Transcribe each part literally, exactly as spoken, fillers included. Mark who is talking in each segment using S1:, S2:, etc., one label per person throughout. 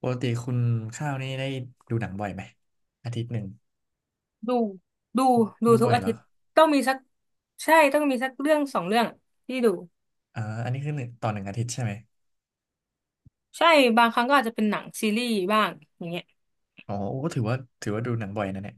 S1: ปกติคุณข้าวนี่ได้ดูหนังบ่อยไหมอาทิตย์หนึ่ง
S2: ดูดูดู
S1: ดู
S2: ทุ
S1: บ่
S2: ก
S1: อย
S2: อา
S1: เหร
S2: ทิ
S1: อ
S2: ตย์ต้องมีสักใช่ต้องมีสักเรื่องสองเรื่องที่ดู
S1: อ่าอันนี้คือหนึ่งต่อหนึ่งอาทิตย์ใช่ไหม
S2: ใช่บางครั้งก็อาจจะเป็นหนังซีรีส์บ้างอย่างเงี้ย
S1: อ๋อโอ้ก็ถือว่าถือว่าดูหนังบ่อยนะเนี่ย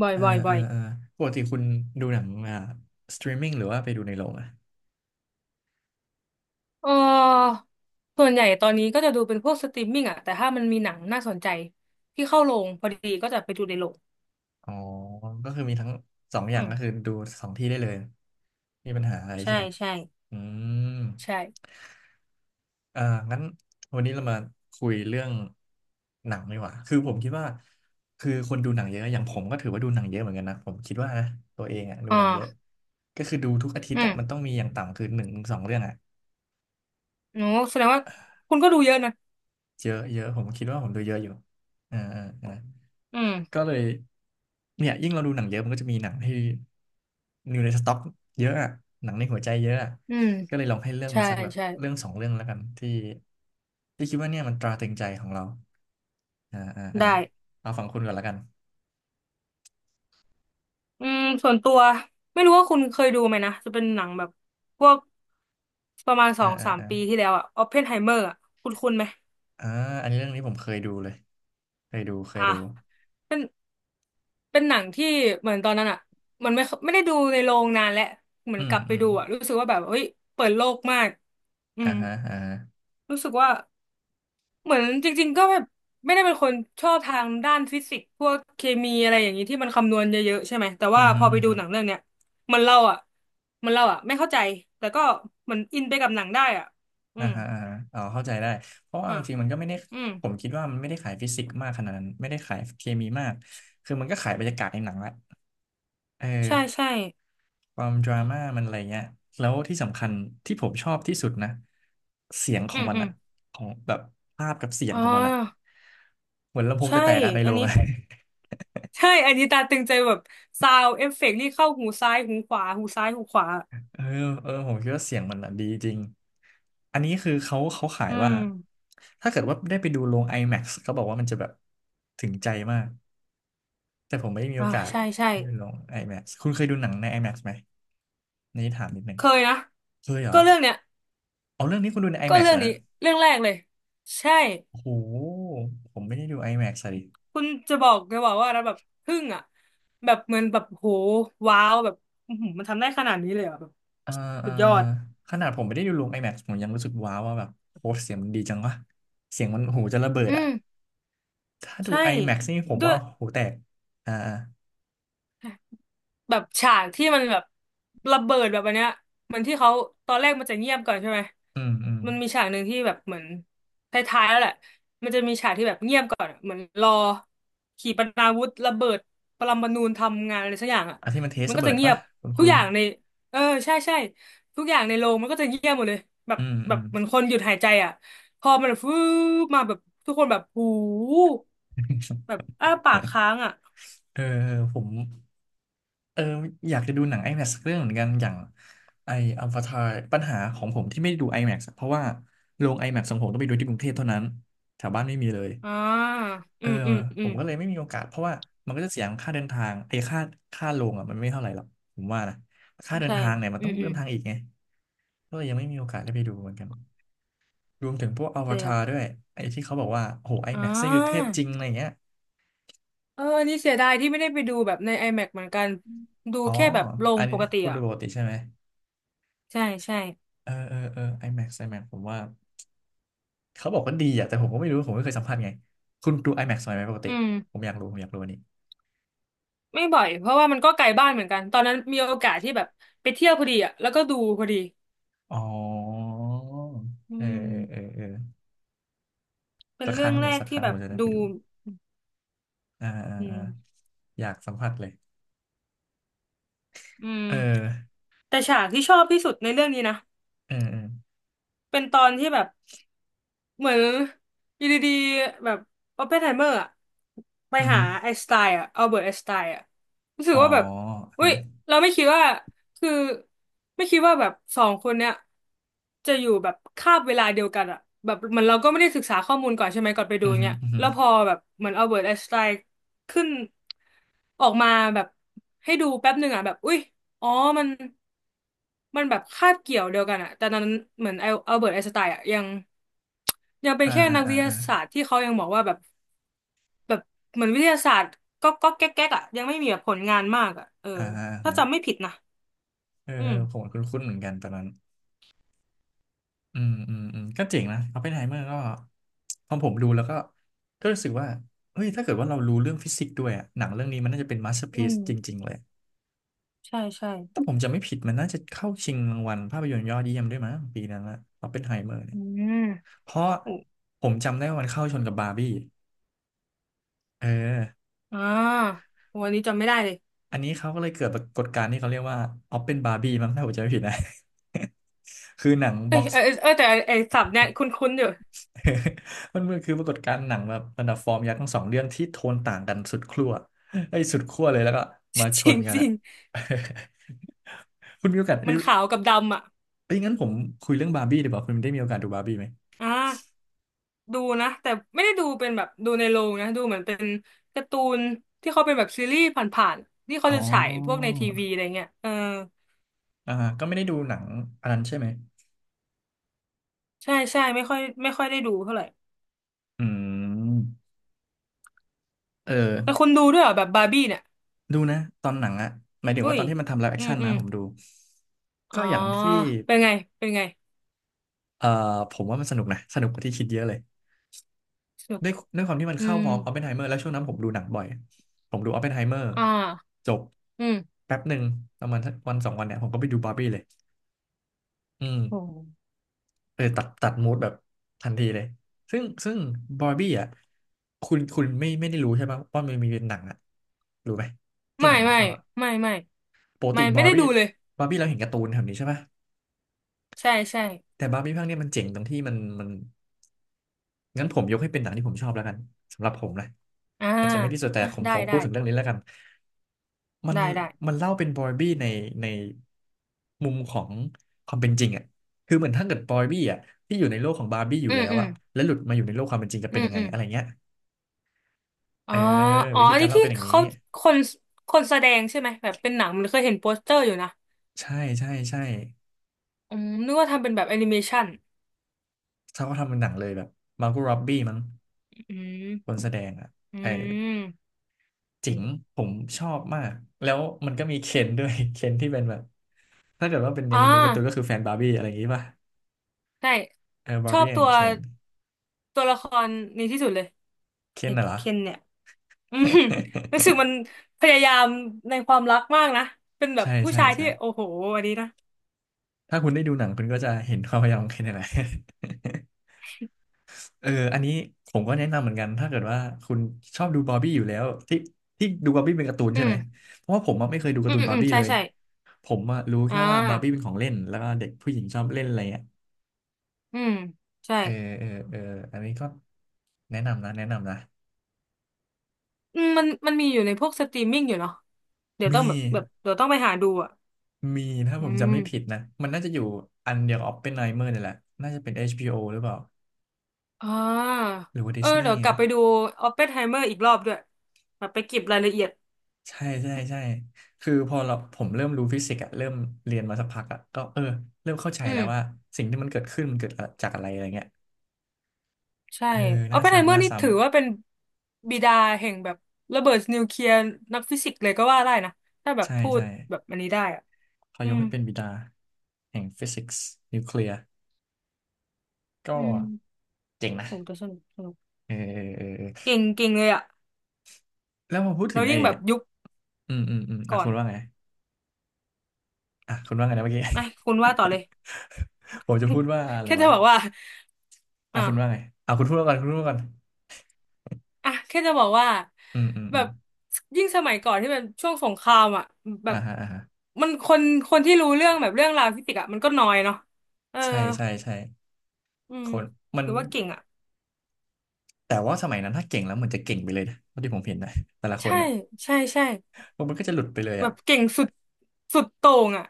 S2: บ่อย
S1: เออ
S2: บ่อย
S1: เอ
S2: บ่
S1: อ
S2: อย
S1: เออปกติคุณดูหนังอ่าสตรีมมิ่งหรือว่าไปดูในโรงอะ
S2: เออส่วนใหญ่ตอนนี้ก็จะดูเป็นพวกสตรีมมิ่งอะแต่ถ้ามันมีหนังน่าสนใจที่เข้าโรงพอดีก็จะไปดูในโรง
S1: อ๋อก็คือมีทั้งสองอ
S2: อื
S1: ย่าง
S2: ม
S1: ก็คือดูสองที่ได้เลยมีปัญหาอะไรใช่
S2: ใช่
S1: ไหม
S2: ใช่
S1: อืม
S2: ใช่
S1: เอ่างั้นวันนี้เรามาคุยเรื่องหนังดีกว่าคือผมคิดว่าคือคนดูหนังเยอะอย่างผมก็ถือว่าดูหนังเยอะเหมือนกันนะผมคิดว่านะตัวเองอ่ะดูหนังเยอะ
S2: อ่า
S1: ก็คือดูทุกอาทิต
S2: อื
S1: ย์อ่ะมันต้อ
S2: ม
S1: งมีอย่างต่ำคือหนึ่งถึงสองเรื่องอ่ะ
S2: โอ้แสดงว่าคุณก็ดูเยอะนะ
S1: เยอะเยอะผมคิดว่าผมดูเยอะอยู่อ่าอ่าอ่า
S2: อืม
S1: ก็เลยเนี่ยยิ่งเราดูหนังเยอะมันก็จะมีหนังที่อยู่ในสต็อกเยอะอะหนังในหัวใจเยอะอะ
S2: อืม
S1: ก็เลยลองให้เลือก
S2: ใช่
S1: มาสักแบบ
S2: ใช่
S1: เรื่องสองเรื่องแล้วกันที่ที่คิดว่าเนี่ยมันตราตรึงใจของเราอ่าอ่าอ่า
S2: ได้
S1: เอาฝั่งคุณก่อนแล้วกัน
S2: อืมส่วนตัวไม่รู้ว่าคุณเคยดูไหมนะจะเป็นหนังแบบพวกประมาณส
S1: อ่า
S2: อง
S1: อ่า
S2: สาม
S1: อ่า
S2: ปีที่แล้วอะออปเพนไฮเมอร์อะคุณคุณไหม
S1: อ่าอันนี้เรื่องนี้ผมเคยดูเลยเคยดูเคย
S2: อ่ะ
S1: ดู
S2: เป็นเป็นหนังที่เหมือนตอนนั้นอ่ะมันไม่ไม่ได้ดูในโรงนานแล้วเหมือ
S1: อื
S2: นก
S1: ม
S2: ลับไป
S1: อืม
S2: ดูอ่ะรู้สึกว่าแบบเฮ้ยเปิดโลกมากอื
S1: อ่า
S2: ม
S1: ฮะอ่าฮะ
S2: รู้สึกว่า เหมือนจริงๆก็แบบไม่ได้เป็นคนชอบทางด้านฟิสิกส์พวกเคมีอะไรอย่างนี้ที่มันคำนวณเยอะๆใช่ไหมแต่
S1: อื
S2: ว่า
S1: ม
S2: พ
S1: ฮึม
S2: อไป
S1: อื
S2: ดู
S1: ม
S2: หนังเรื่องเนี้ยเหมันเราอ่ะเหมันเราอ่ะไม่เข้าใจแต่ก็เหมือนอินไปกับหนังได้อ่ะอื
S1: อ่า
S2: ม
S1: ฮะอ่าฮะอ๋อเข้าใจได้เพราะว่า
S2: อ่ะ
S1: จริงๆมันก็ไม่ได้
S2: อืม
S1: ผมคิดว่ามันไม่ได้ขายฟิสิกส์มากขนาดนั้นไม่ได้ขายเคมีมากคือมันก็ขายบรรยากาศในหนังแหละเออ
S2: ใช่ใช่
S1: ความดราม่ามันอะไรเงี้ยแล้วที่สำคัญที่ผมชอบที่สุดนะเสียงขอ
S2: อื
S1: ง
S2: ม
S1: มัน
S2: อืม
S1: อะของแบบภาพกับเสียง
S2: อ๋
S1: ของมันอะ
S2: อ
S1: เหมือนลำโพง
S2: ใช่
S1: จะแตกอะใน
S2: อั
S1: โร
S2: น
S1: ง
S2: นี้
S1: อะ
S2: ใช่อันนี้ตาตึงใจแบบซาวเอฟเฟกต์นี่เข้าหูซ้ายหูขวาหูซ้ายหูขวา
S1: เออเออผมคิดว่าเสียงมันอะดีจริงอันนี้คือเขาเขาขาย
S2: อื
S1: ว่า
S2: ม
S1: ถ้าเกิดว่าได้ไปดูโรง IMAX เขาบอกว่ามันจะแบบถึงใจมาก แต่ผมไม่ได้มีโอ
S2: อ่า
S1: กาส
S2: ใช่ใช่
S1: ที่ไปลง IMAX คุณเคยดูหนังใน IMAX ไหมนี่ถามนิดนึง
S2: เคยนะ
S1: เคยเหรอ
S2: ก็เรื่องเนี้ย
S1: เอาเรื่องนี้คุณดูใน
S2: ก็
S1: IMAX
S2: เรื่อง
S1: แล้ว
S2: นี้
S1: นะ
S2: เรื่องแรกเลยใช่
S1: โอ้โหผมไม่ได้ดู IMAX อะดิ
S2: คุณจะบอกจะบอกว่าแล้วแบบทึ่งอ่ะแบบเหมือนแบบโหว้าวแบบอื้อหือมันทำได้ขนาดนี้เลยเหรอ่ะแบบ
S1: เออเอ
S2: สุ
S1: อ
S2: ดยอด
S1: ขนาดผมไม่ได้ดูลง IMAX ผมยังรู้สึกว้าวว่าแบบโอ้เสียงมันดีจังวะเสียงมันหูจะระเบิด
S2: อื
S1: อะ
S2: ม
S1: ถ้าดู
S2: ใช่
S1: IMAX นี่ผม
S2: ด้ว
S1: ว่า
S2: ย
S1: หูแตกอ่าอ่า
S2: แบบฉากที่มันแบบระเบิดแบบอันเนี้ยเหมือนที่เขาตอนแรกมันจะเงียบก่อนใช่ไหม
S1: อืมอืม
S2: มันมีฉากหนึ่งที่แบบเหมือนท้ายๆแล้วแหละมันจะมีฉากที่แบบเงียบก่อนอะเหมือนรอขีปนาวุธระเบิดปรมาณูทำงานอะไรสักอย่างอ่ะ
S1: อันที่มันเทส
S2: มัน
S1: ระ
S2: ก็
S1: เบิ
S2: จะ
S1: ด
S2: เงีย
S1: ปะ
S2: บ
S1: คุณ
S2: ทุ
S1: คุ
S2: กอ
S1: ณ
S2: ย่างในเออใช่ใช่ทุกอย่างในโรงมันก็จะเงียบหมดเลยแบบ
S1: อืมอื
S2: แบบ
S1: ม
S2: เหมือนคนหยุดหายใจอ่ะพอมันฟื้บมาแบบทุกคนแบบหูแบบ อ้าปากค้างอ่ะ
S1: เออผม เอออยากจะดูหนัง IMAX สักเรื่องเหมือนกันอย่างไออวตารปัญหาของผมที่ไม่ได้ดู IMAX อะเพราะว่าโรง IMAX ของผมต้องไปดูที่กรุงเทพเท่านั้นแถวบ้านไม่มีเลย
S2: อ่า
S1: เอ
S2: อื
S1: อ
S2: มอืมอื
S1: ผ
S2: ม
S1: มก็เลยไม่มีโอกาสเพราะว่ามันก็จะเสียค่าเดินทางไอ้ค่าค่าโรงอ่ะมันไม่เท่าไหร่หรอกผมว่านะค่าเดิน
S2: ใช่
S1: ทางเนี่ยมัน
S2: อื
S1: ต้อ
S2: ม
S1: ง
S2: อื
S1: เดิน
S2: ม
S1: ทางอีกไงก็เลยยังไม่มีโอกาสได้ไปดูเหมือนกันรวมถึงพวกอว
S2: เปลือ
S1: ตา
S2: ก
S1: รด้วยไอ้ที่เขาบอกว่าโอ้โห
S2: อ่
S1: IMAX นี่คือเทพ
S2: า
S1: จริงอะไรเงี้ย
S2: เออนี่เสียดายที่ไม่ได้ไปดูแบบใน IMAX เหมือนกัน ดู
S1: อ๋อ
S2: แค่แบบโร
S1: อั
S2: ง
S1: น
S2: ป
S1: นี้
S2: กติ
S1: คุณดู
S2: อ่ะ
S1: ปกติใช่ไหม
S2: ใช่ใช่
S1: เออเออเออ IMAX IMAX ผมว่า เขาบอกว่าดีอ่ะแต่ผมก็ไม่รู้ผมไม่เคยสัมผัสไงคุณดู IMAX ไหมปกติ
S2: อืม
S1: ผมอยากรู้ผมอยากรู้อันนี้
S2: ไม่บ่อยเพราะว่ามันก็ไกลบ้านเหมือนกัน ตอนนั้นมีโอกาสที่แบบไปเที่ยวพอดีอ่ะแล้วก็ดูพอดี
S1: อ๋อ
S2: อื
S1: เออเออ
S2: ม
S1: เออเออ
S2: เป็น
S1: สักค
S2: เรื่
S1: รั้
S2: อ
S1: ง
S2: งแร
S1: เดี๋ยว
S2: ก
S1: สักค
S2: ที่
S1: รั้ง
S2: แบ
S1: ผ
S2: บ
S1: มจะได้
S2: ดู
S1: ไปดูอ่าอ่า
S2: อื
S1: อ่า
S2: ม
S1: อยากสัมผัสเลย
S2: อืม
S1: เออ
S2: แต่ฉากที่ชอบที่สุดในเรื่องนี้นะ
S1: เออเออ
S2: เป็นตอนที่แบบ เหมือนอยู่ดีๆแบบออปเพนไฮเมอร์อะไป
S1: อือ
S2: หา
S1: ฮึ
S2: ไอน์สไตน์อะอัลเบิร์ตไอน์สไตน์อะรู้สึ
S1: อ๋
S2: ก
S1: อ
S2: ว่าแบบอุ้
S1: นะ
S2: ยเราไม่คิดว่าคือไม่คิดว่าแบบสองคนเนี้ยจะอยู่แบบคาบเวลาเดียวกันอะแบบเหมือนเราก็ไม่ได้ศึกษาข้อมูลก่อนใช่ไหมก่อนไปดู
S1: อือฮึ
S2: เนี้ย
S1: อือฮึ
S2: แล้วพอแบบเหมือนอัลเบิร์ตไอน์สไตน์ขึ้นออกมาแบบให้ดูแป๊บหนึ่งอะแบบอุ้ยอ๋อมันมันแบบคาบเกี่ยวเดียวกันอะแต่ตอนนั้นเหมือนอัลเบิร์ตไอน์สไตน์อะยัง ยังเป็น
S1: อ่า
S2: แค่
S1: อ่า
S2: นัก
S1: อ่า
S2: วิทยา
S1: อ่า
S2: ศาสตร์ที่เขายังบอกว่าแบบแบบเหมือนวิทยาศาสตร์ก็ก็แก๊กแก๊กอ่ะยังไม่มีแบบผลงานมากอ่ะเออ
S1: อ่าอ่า
S2: ถ้าจำไม่ผิดนะ
S1: เออ
S2: อืม
S1: ผมคุ้นๆเหมือนกันตอนนั้น อืมอืมอืมก็เจ๋งนะอ p ปเพนไฮเมอร์ก็พอผมดูแล้วก็ก็รู้สึกว่าเฮ้ยถ้าเกิดว่าเรารู้เรื่องฟิสิกส์ด้วยอะหนังเรื่องนี้มันน่าจะเป็นมาสเตอร์พ
S2: อื
S1: c e
S2: ม
S1: จริงๆเลย
S2: ใช่ใช่
S1: ถ้าผมจะไม่ผิดมันน่าจะเข้าชิงรางวัลภาพยนตร์ยอดเยี่ยมด้วยมั้งปีนั้นละอ p ปเพนไฮเมอร์เนี่
S2: อื
S1: ย
S2: ม
S1: เพราะ
S2: โอ้
S1: ผมจำได้ว่ามันเข้าชนกับบาร์บี้เออ
S2: อ่าวันนี้จำไม่ได้เลย
S1: อันนี้เขาก็เลยเกิดปรากฏการณ์ที่เขาเรียกว่าออปเป็นบาร์บี้มั้งถ้าผมจำไม่ผิดนะ คือหนัง
S2: เอ้
S1: บ็
S2: ย
S1: อก
S2: เออเออเออแต่ไอ้ไอ้ศัพท์เนี่ยคุ้นๆอยู่
S1: มันมันคือปรากฏการณ์หนังแบบบรรดาฟอร์มยักษ์ทั้งสองเรื่องที่โทนต่างกันสุดขั้วไอ้ยสุดขั้วเลยแล้วก็มา ช
S2: จริ
S1: น
S2: ง
S1: กัน
S2: จริ
S1: อะ
S2: ง
S1: คุณมีโอกาส
S2: มั
S1: ได้
S2: นขาวกับดำอ่ะ
S1: เอ้ยงั้นผมคุยเรื่องบาร์บี้ดีกว่าคุณได้มีโอกาสดูบาร์บี้ไหม
S2: อ่าดูนะแต่ไม่ได้ดูเป็นแบบดูในโรงนะดูเหมือนเป็นการ์ตูนที่เขาเป็นแบบซีรีส์ผ่านๆที่เขา
S1: อ๋
S2: จะฉายพวกใน
S1: อ
S2: ทีวีอะไรเงี้ยเออ
S1: อ่าก็ไม่ได้ดูหนังอันนั้นใช่ไหม
S2: ใช่ใช่ไม่ค่อยไม่ค่อยได้ดูเท่าไหร่
S1: อืมเออ
S2: แต่คุณดูด้วยเหรอแบบบาร์บี้เนี่ย
S1: ดูนะตอนหนังอะหมายถึง
S2: อุ้
S1: ว่าต
S2: ย
S1: อนที่มันทำไลฟ์แอค
S2: อืม
S1: ชั่น
S2: อื
S1: นะ
S2: ม
S1: ผมดู
S2: อ๋อ
S1: ก็อย่างที่
S2: เป็นไงเป็นไง
S1: เอ่อผมว่ามันสนุกนะสนุกกว่าที่คิดเยอะเลย
S2: สนุก
S1: ด้วยด้วยความที่มัน
S2: อื
S1: เข้า
S2: ม
S1: พร้อมออปเพนไฮเมอร์แล้วช่วงนั้นผมดูหนังบ่อยผมดูออปเพนไฮเมอร์
S2: อ่า
S1: จบ
S2: อืม
S1: แป๊บหนึ่งประมาณสักวันสองวันเนี่ยผมก็ไปดูบาร์บี้เลยอืม
S2: โห
S1: เออตัดตัดมูดแบบทันทีเลยซึ่งซึ่งบาร์บี้อ่ะคุณคุณไม่ไม่ได้รู้ใช่ปะว่ามันมีเป็นหนังอ่ะรู้ไหมที่
S2: ไม่
S1: หนังมัน
S2: ไม่
S1: เข้าอ่ะ
S2: ไม่ไม่
S1: ปกติ
S2: ไม่ไม่
S1: บาร์
S2: ได้
S1: บี้
S2: ดูเลย
S1: บาร์บี้เราเห็นการ์ตูนแบบนี้ใช่ปะ
S2: ใช่ใช่
S1: แต่บาร์บี้ภาคเนี้ยมันเจ๋งตรงที่มันมันงั้นผมยกให้เป็นหนังที่ผมชอบแล้วกันสำหรับผมนะ
S2: อ่า
S1: อาจจะไม่ที่สุดแต่
S2: อ่ะ
S1: ผม
S2: ได้
S1: ขอพู
S2: ได้
S1: ดถึงเรื่องนี้แล้วกัน มัน
S2: ได้ได้
S1: มันเล่าเป็นบอยบี้ในในมุมของความเป็นจริงอ่ะคือเหมือนถ้าเกิดบอยบี้อ่ะที่อยู่ในโลกของบาร์บี้อยู่
S2: อืม
S1: แล้ว
S2: อืม
S1: อ่ะแล้วหลุดมาอยู่ในโลกความเป็นจริงจะ
S2: อื
S1: เป็น
S2: ม
S1: ยังไง
S2: อืม
S1: อะไรเงี้ย
S2: อ๋
S1: เอ
S2: อ
S1: อ
S2: อ๋อ
S1: วิธี
S2: อัน
S1: กา
S2: นี้
S1: รเล่า
S2: ที่
S1: เป็นอย่างนี้
S2: เขาคนคนแสดงใช่ไหมแบบเป็นหนังมันเคยเห็นโปสเตอร์อยู่นะ
S1: ใช่ใช่ใช่
S2: อืมนึกว่าทำเป็นแบบแอนิเมชัน
S1: เขาก็ทำเป็นหนังเลยแบบมาร์ก o ร็อบบี้มั้ง
S2: อื
S1: คน
S2: ม
S1: แสดงอ่ะ
S2: อื
S1: เออ
S2: ม
S1: จิ๋ง
S2: โห
S1: ผมชอบมากแล้วมันก็มีเคนด้วย เคนที่เป็นแบบถ้าเกิดว่าเป็นใน
S2: อ่า
S1: ในการ์ตูนก็คือแฟนบาร์บี้อะไรอย่างงี้ป่ะ
S2: ใช่
S1: เออบา
S2: ช
S1: ร์
S2: อบ
S1: บี้แอ
S2: ตั
S1: น
S2: ว
S1: ด์เคน
S2: ตัวละครนี้ที่สุดเลย
S1: เค
S2: ไอ้
S1: นน่ะเหรอ
S2: เคนเนี่ยอืมรู้สึก มันพยายามในความรักมากนะเป็นแบบ
S1: ใช่
S2: ผู้
S1: ใช่
S2: ชาย
S1: ใช่
S2: ที่โอ้โหอันนี้นะ
S1: ถ้าคุณได้ดูหนังคุณก็จะเห็นความพยายามของเคนนี่แหะไร เอออันนี้ผมก็แนะนำเหมือนกัน ถ้าเกิดว่าคุณชอบดูบาร์บี้อยู่แล้วที่ที่ดูบาร์บี้เป็นการ์ตูน
S2: อื
S1: ใช่ไหม
S2: ม
S1: เพราะว่าผมอะไม่เคยดูกา
S2: อื
S1: ร์ตู
S2: ม
S1: นบา
S2: อื
S1: ร์
S2: ม
S1: บี้
S2: ใช่
S1: เลย
S2: ใช่
S1: ผมอะรู้แค่
S2: อ่า
S1: ว่าบาร์บี้เป็นของเล่นแล้วก็เด็กผู้หญิงชอบเล่นอะไรเงี้ย
S2: อืมใช่
S1: เออเออเอออันนี้ก็แนะนำนะแนะนำนะ
S2: อืมมันมันมีอยู่ในพวกสตรีมมิ่งอยู่เนาะเดี๋ยวต้อ
S1: มี
S2: งแบบแบบเดี๋ยวต้องไปหาดูอ่ะ
S1: มีถ้า
S2: อื
S1: ผมจำไม่ผิด
S2: ม
S1: นะ มันน่าจะอยู่อันเดียวกับ ออปเพนไฮเมอร์ นี่แหละน่าจะเป็นเอชบีโอหรือเปล่า
S2: อ่า
S1: หรือว่า
S2: เอ
S1: ดิ
S2: อ
S1: สนี
S2: เดี๋ย
S1: ย์
S2: วกลับ
S1: นะ
S2: ไปดูออปเพนไฮเมอร์อีกรอบด้วยแบบไปเก็บรายละเอียด
S1: ใช่ใช่ใช่คือพอเราผมเริ่มรู้ฟิสิกส์อะเริ่มเรียนมาสักพักอะก็เออเริ่มเข้าใจ
S2: อื
S1: แล้
S2: ม
S1: วว่าสิ่งที่มันเกิดขึ้นมันเกิดจากอะไรอะไรเงี้ย
S2: ใช่
S1: เออ
S2: ออ
S1: น่า
S2: ปเพนไฮเม
S1: ซ้ำ
S2: อ
S1: น่า
S2: ร์นี่
S1: ซ้ำ
S2: ถือว่าเป็นบิดาแห่งแบบระเบิดนิวเคลียร์นักฟิสิกส์เลยก็ว่าได้นะถ้าแบบ
S1: ใช่
S2: พูด
S1: ใช่
S2: แบบอันนี้ได้อ่ะ
S1: เขา
S2: อื
S1: ยก
S2: ม
S1: ให้เป็นบิดาแห่งฟิสิกส์นิวเคลียร์ก็
S2: อืม
S1: เจ๋งนะ
S2: โอ้แต่สนุกสนุก
S1: เออเออเออเออ
S2: เก่งเก่งเลยอ่ะ
S1: แล้วพอพูดถึ
S2: เรา
S1: งไอ้
S2: ยิ่งแบบยุค
S1: อืมอืมอืมอ่ะ
S2: ก่อ
S1: คุ
S2: น
S1: ณว่าไงอ่ะคุณว่าไงนะเมื่อกี้
S2: ไอ้คุณว่าต่อเลย
S1: ผมจะพูดว่าอะ ไร
S2: แค่จะ
S1: วะ
S2: บอกว่า
S1: อ่ะ
S2: อ่ะ
S1: คุณว่าไงอ่ะคุณพูดก่อนคุณพูดก่อน
S2: อ่ะแค่จะบอกว่า
S1: อืมอืม
S2: แบ
S1: อืม
S2: บยิ่งสมัยก่อนที่เป็นช่วงสงครามอ่ะแบ
S1: อ่า
S2: บ
S1: ฮะอ่าฮะ
S2: มันคนคนที่รู้เรื่องแบบเรื่องราวฟิสิกส์อ่ะมันก็น้อยเนาะเออ
S1: ใช่ใช่ใช่
S2: อื
S1: ค
S2: ม
S1: นมัน
S2: ถือว่าเก่งอ่ะ
S1: แต่ว่าสมัยนั้นถ้าเก่งแล้วเหมือนจะเก่งไปเลยนะเท่าที่ผมเห็นนะแต่ละคน
S2: ใช่
S1: นะ
S2: ใช่ใช่
S1: มันก็จะหลุดไปเลย
S2: แบ
S1: อ่ะ
S2: บเก่งสุดสุดโต่งอ่ะ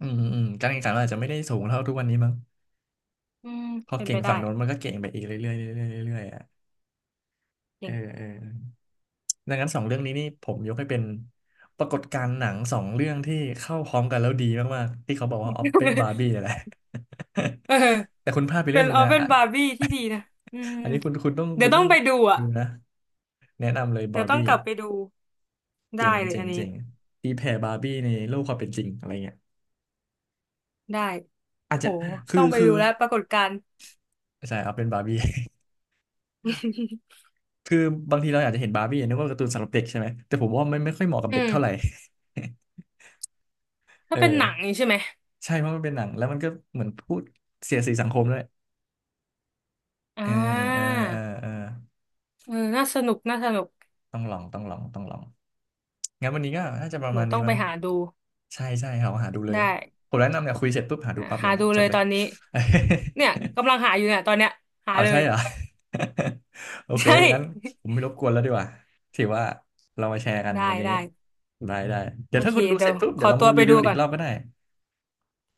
S1: อืมอืมการแข่งขันมันอาจจะไม่ได้สูงเท่าทุกวันนี้มั้ง
S2: อืม
S1: พอ
S2: เป็น
S1: เก่
S2: ไป
S1: ง
S2: ได้
S1: ฝั่งโน้นมันก็เก่งไปอีกเรื่อยๆเรื่อยๆเรื่อยๆอ่ะเอ
S2: เก่
S1: อ
S2: ง
S1: เออดังนั้นสองเรื่องนี้นี่ผมยกให้เป็นปรากฏการณ์หนังสองเรื่องที่เข้าพร้อมกันแล้วดีมากๆที่เขาบอกว่าออป เป็นบาร์บี้นี่แหละ
S2: เออ
S1: แต่คุณพลาดไปเรื่
S2: เป็
S1: อง
S2: น
S1: หนึ่ง
S2: เอา
S1: นะ
S2: เป็น
S1: อะ
S2: บาร์บี้ที่ดีนะอืม
S1: อันนี้คุณคุณต้อง
S2: เดี๋
S1: คุ
S2: ยว
S1: ณ
S2: ต้อ
S1: ต้อ
S2: ง
S1: ง
S2: ไปดูอ่ะ
S1: ดูนะแนะนำเลย
S2: เดี๋
S1: บา
S2: ยว
S1: ร์
S2: ต้อ
S1: บี้
S2: งกลับไปดูได้
S1: เจ๋ง
S2: เลย
S1: เจ๋
S2: อั
S1: ง
S2: นนี้
S1: เจ๋งตีแผ่บาร์บี้ในโลกความเป็นจริงอะไรเงี้ย
S2: ได้
S1: อาจ
S2: โห
S1: จะคื
S2: ต้
S1: อ
S2: องไป
S1: คือ
S2: ดูแล้วปรากฏการณ์
S1: ใช่ครับเป็นบาร์บี้ คือบางทีเราอยากจะเห็นบาร์บี้นึกว่าการ์ตูนสำหรับเด็กใช่ไหมแต่ผมว่ามันไม่ค่อยเหมาะกับ
S2: อื
S1: เด็ก
S2: ม
S1: เท่าไหร่
S2: ถ้าเป็นหนัง
S1: เออ
S2: นี่ใช่ไหม
S1: ใช่เพราะมันเป็นหนังแล้วมันก็เหมือนพูดเสียดสีสังคมด้วย
S2: อ่
S1: เออเออ
S2: า
S1: เออเออ
S2: เออน่าสนุกน่าสนุก
S1: ต้องลองต้องลองต้องลองงั้นวันนี้ก็น่าจะประ
S2: เดี๋
S1: มา
S2: ย
S1: ณ
S2: ว
S1: นี้
S2: ต้องไป
S1: มั้ง
S2: หาดู
S1: ใช่ใช่ครับหาดูเลย
S2: ได้
S1: ผมแนะนำเนี่ยคุยเสร็จปุ๊บหาดู
S2: นะ
S1: ปั๊บเล
S2: หา
S1: ยเนี่
S2: ดู
S1: ยจ
S2: เล
S1: บ
S2: ย
S1: เล
S2: ต
S1: ย
S2: อนนี้เนี่ย กำลังหาอยู่เนี่ยตอนเนี้ยหา
S1: เอา
S2: เล
S1: ใช่
S2: ย
S1: เหรอ โอ เค
S2: ใช่
S1: งั้นผมไม่รบกวนแล้วดีกว่าถือว่าเรามาแชร์กัน
S2: ได้
S1: วันนี้
S2: ได้
S1: ได้ได้ เดี๋
S2: โอ
S1: ยวถ้า
S2: เค
S1: คุณดู
S2: เดี๋
S1: เส
S2: ย
S1: ร็
S2: ว
S1: จปุ๊บ
S2: ข
S1: เดี๋ย
S2: อ
S1: วเรา
S2: ตั
S1: มา
S2: วไป
S1: รีวิ
S2: ดู
S1: วกันอี
S2: ก่อ
S1: ก
S2: น
S1: รอบก็ได้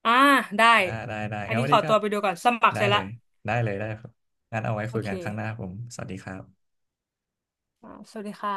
S2: อ่าได้
S1: อ่าได้ได้
S2: อัน
S1: งั้น
S2: นี้
S1: วัน
S2: ข
S1: นี้
S2: อ
S1: ก็
S2: ตัวไปดูก่อนสมัคร
S1: ได้
S2: เสร็จ
S1: เล
S2: ละ
S1: ยได้เลยได้ครับงั้นเอาไว้
S2: โอ
S1: คุย
S2: เค
S1: กันครั้งหน้าครับผม สวัสดีครับ
S2: อ่าสวัสดีค่ะ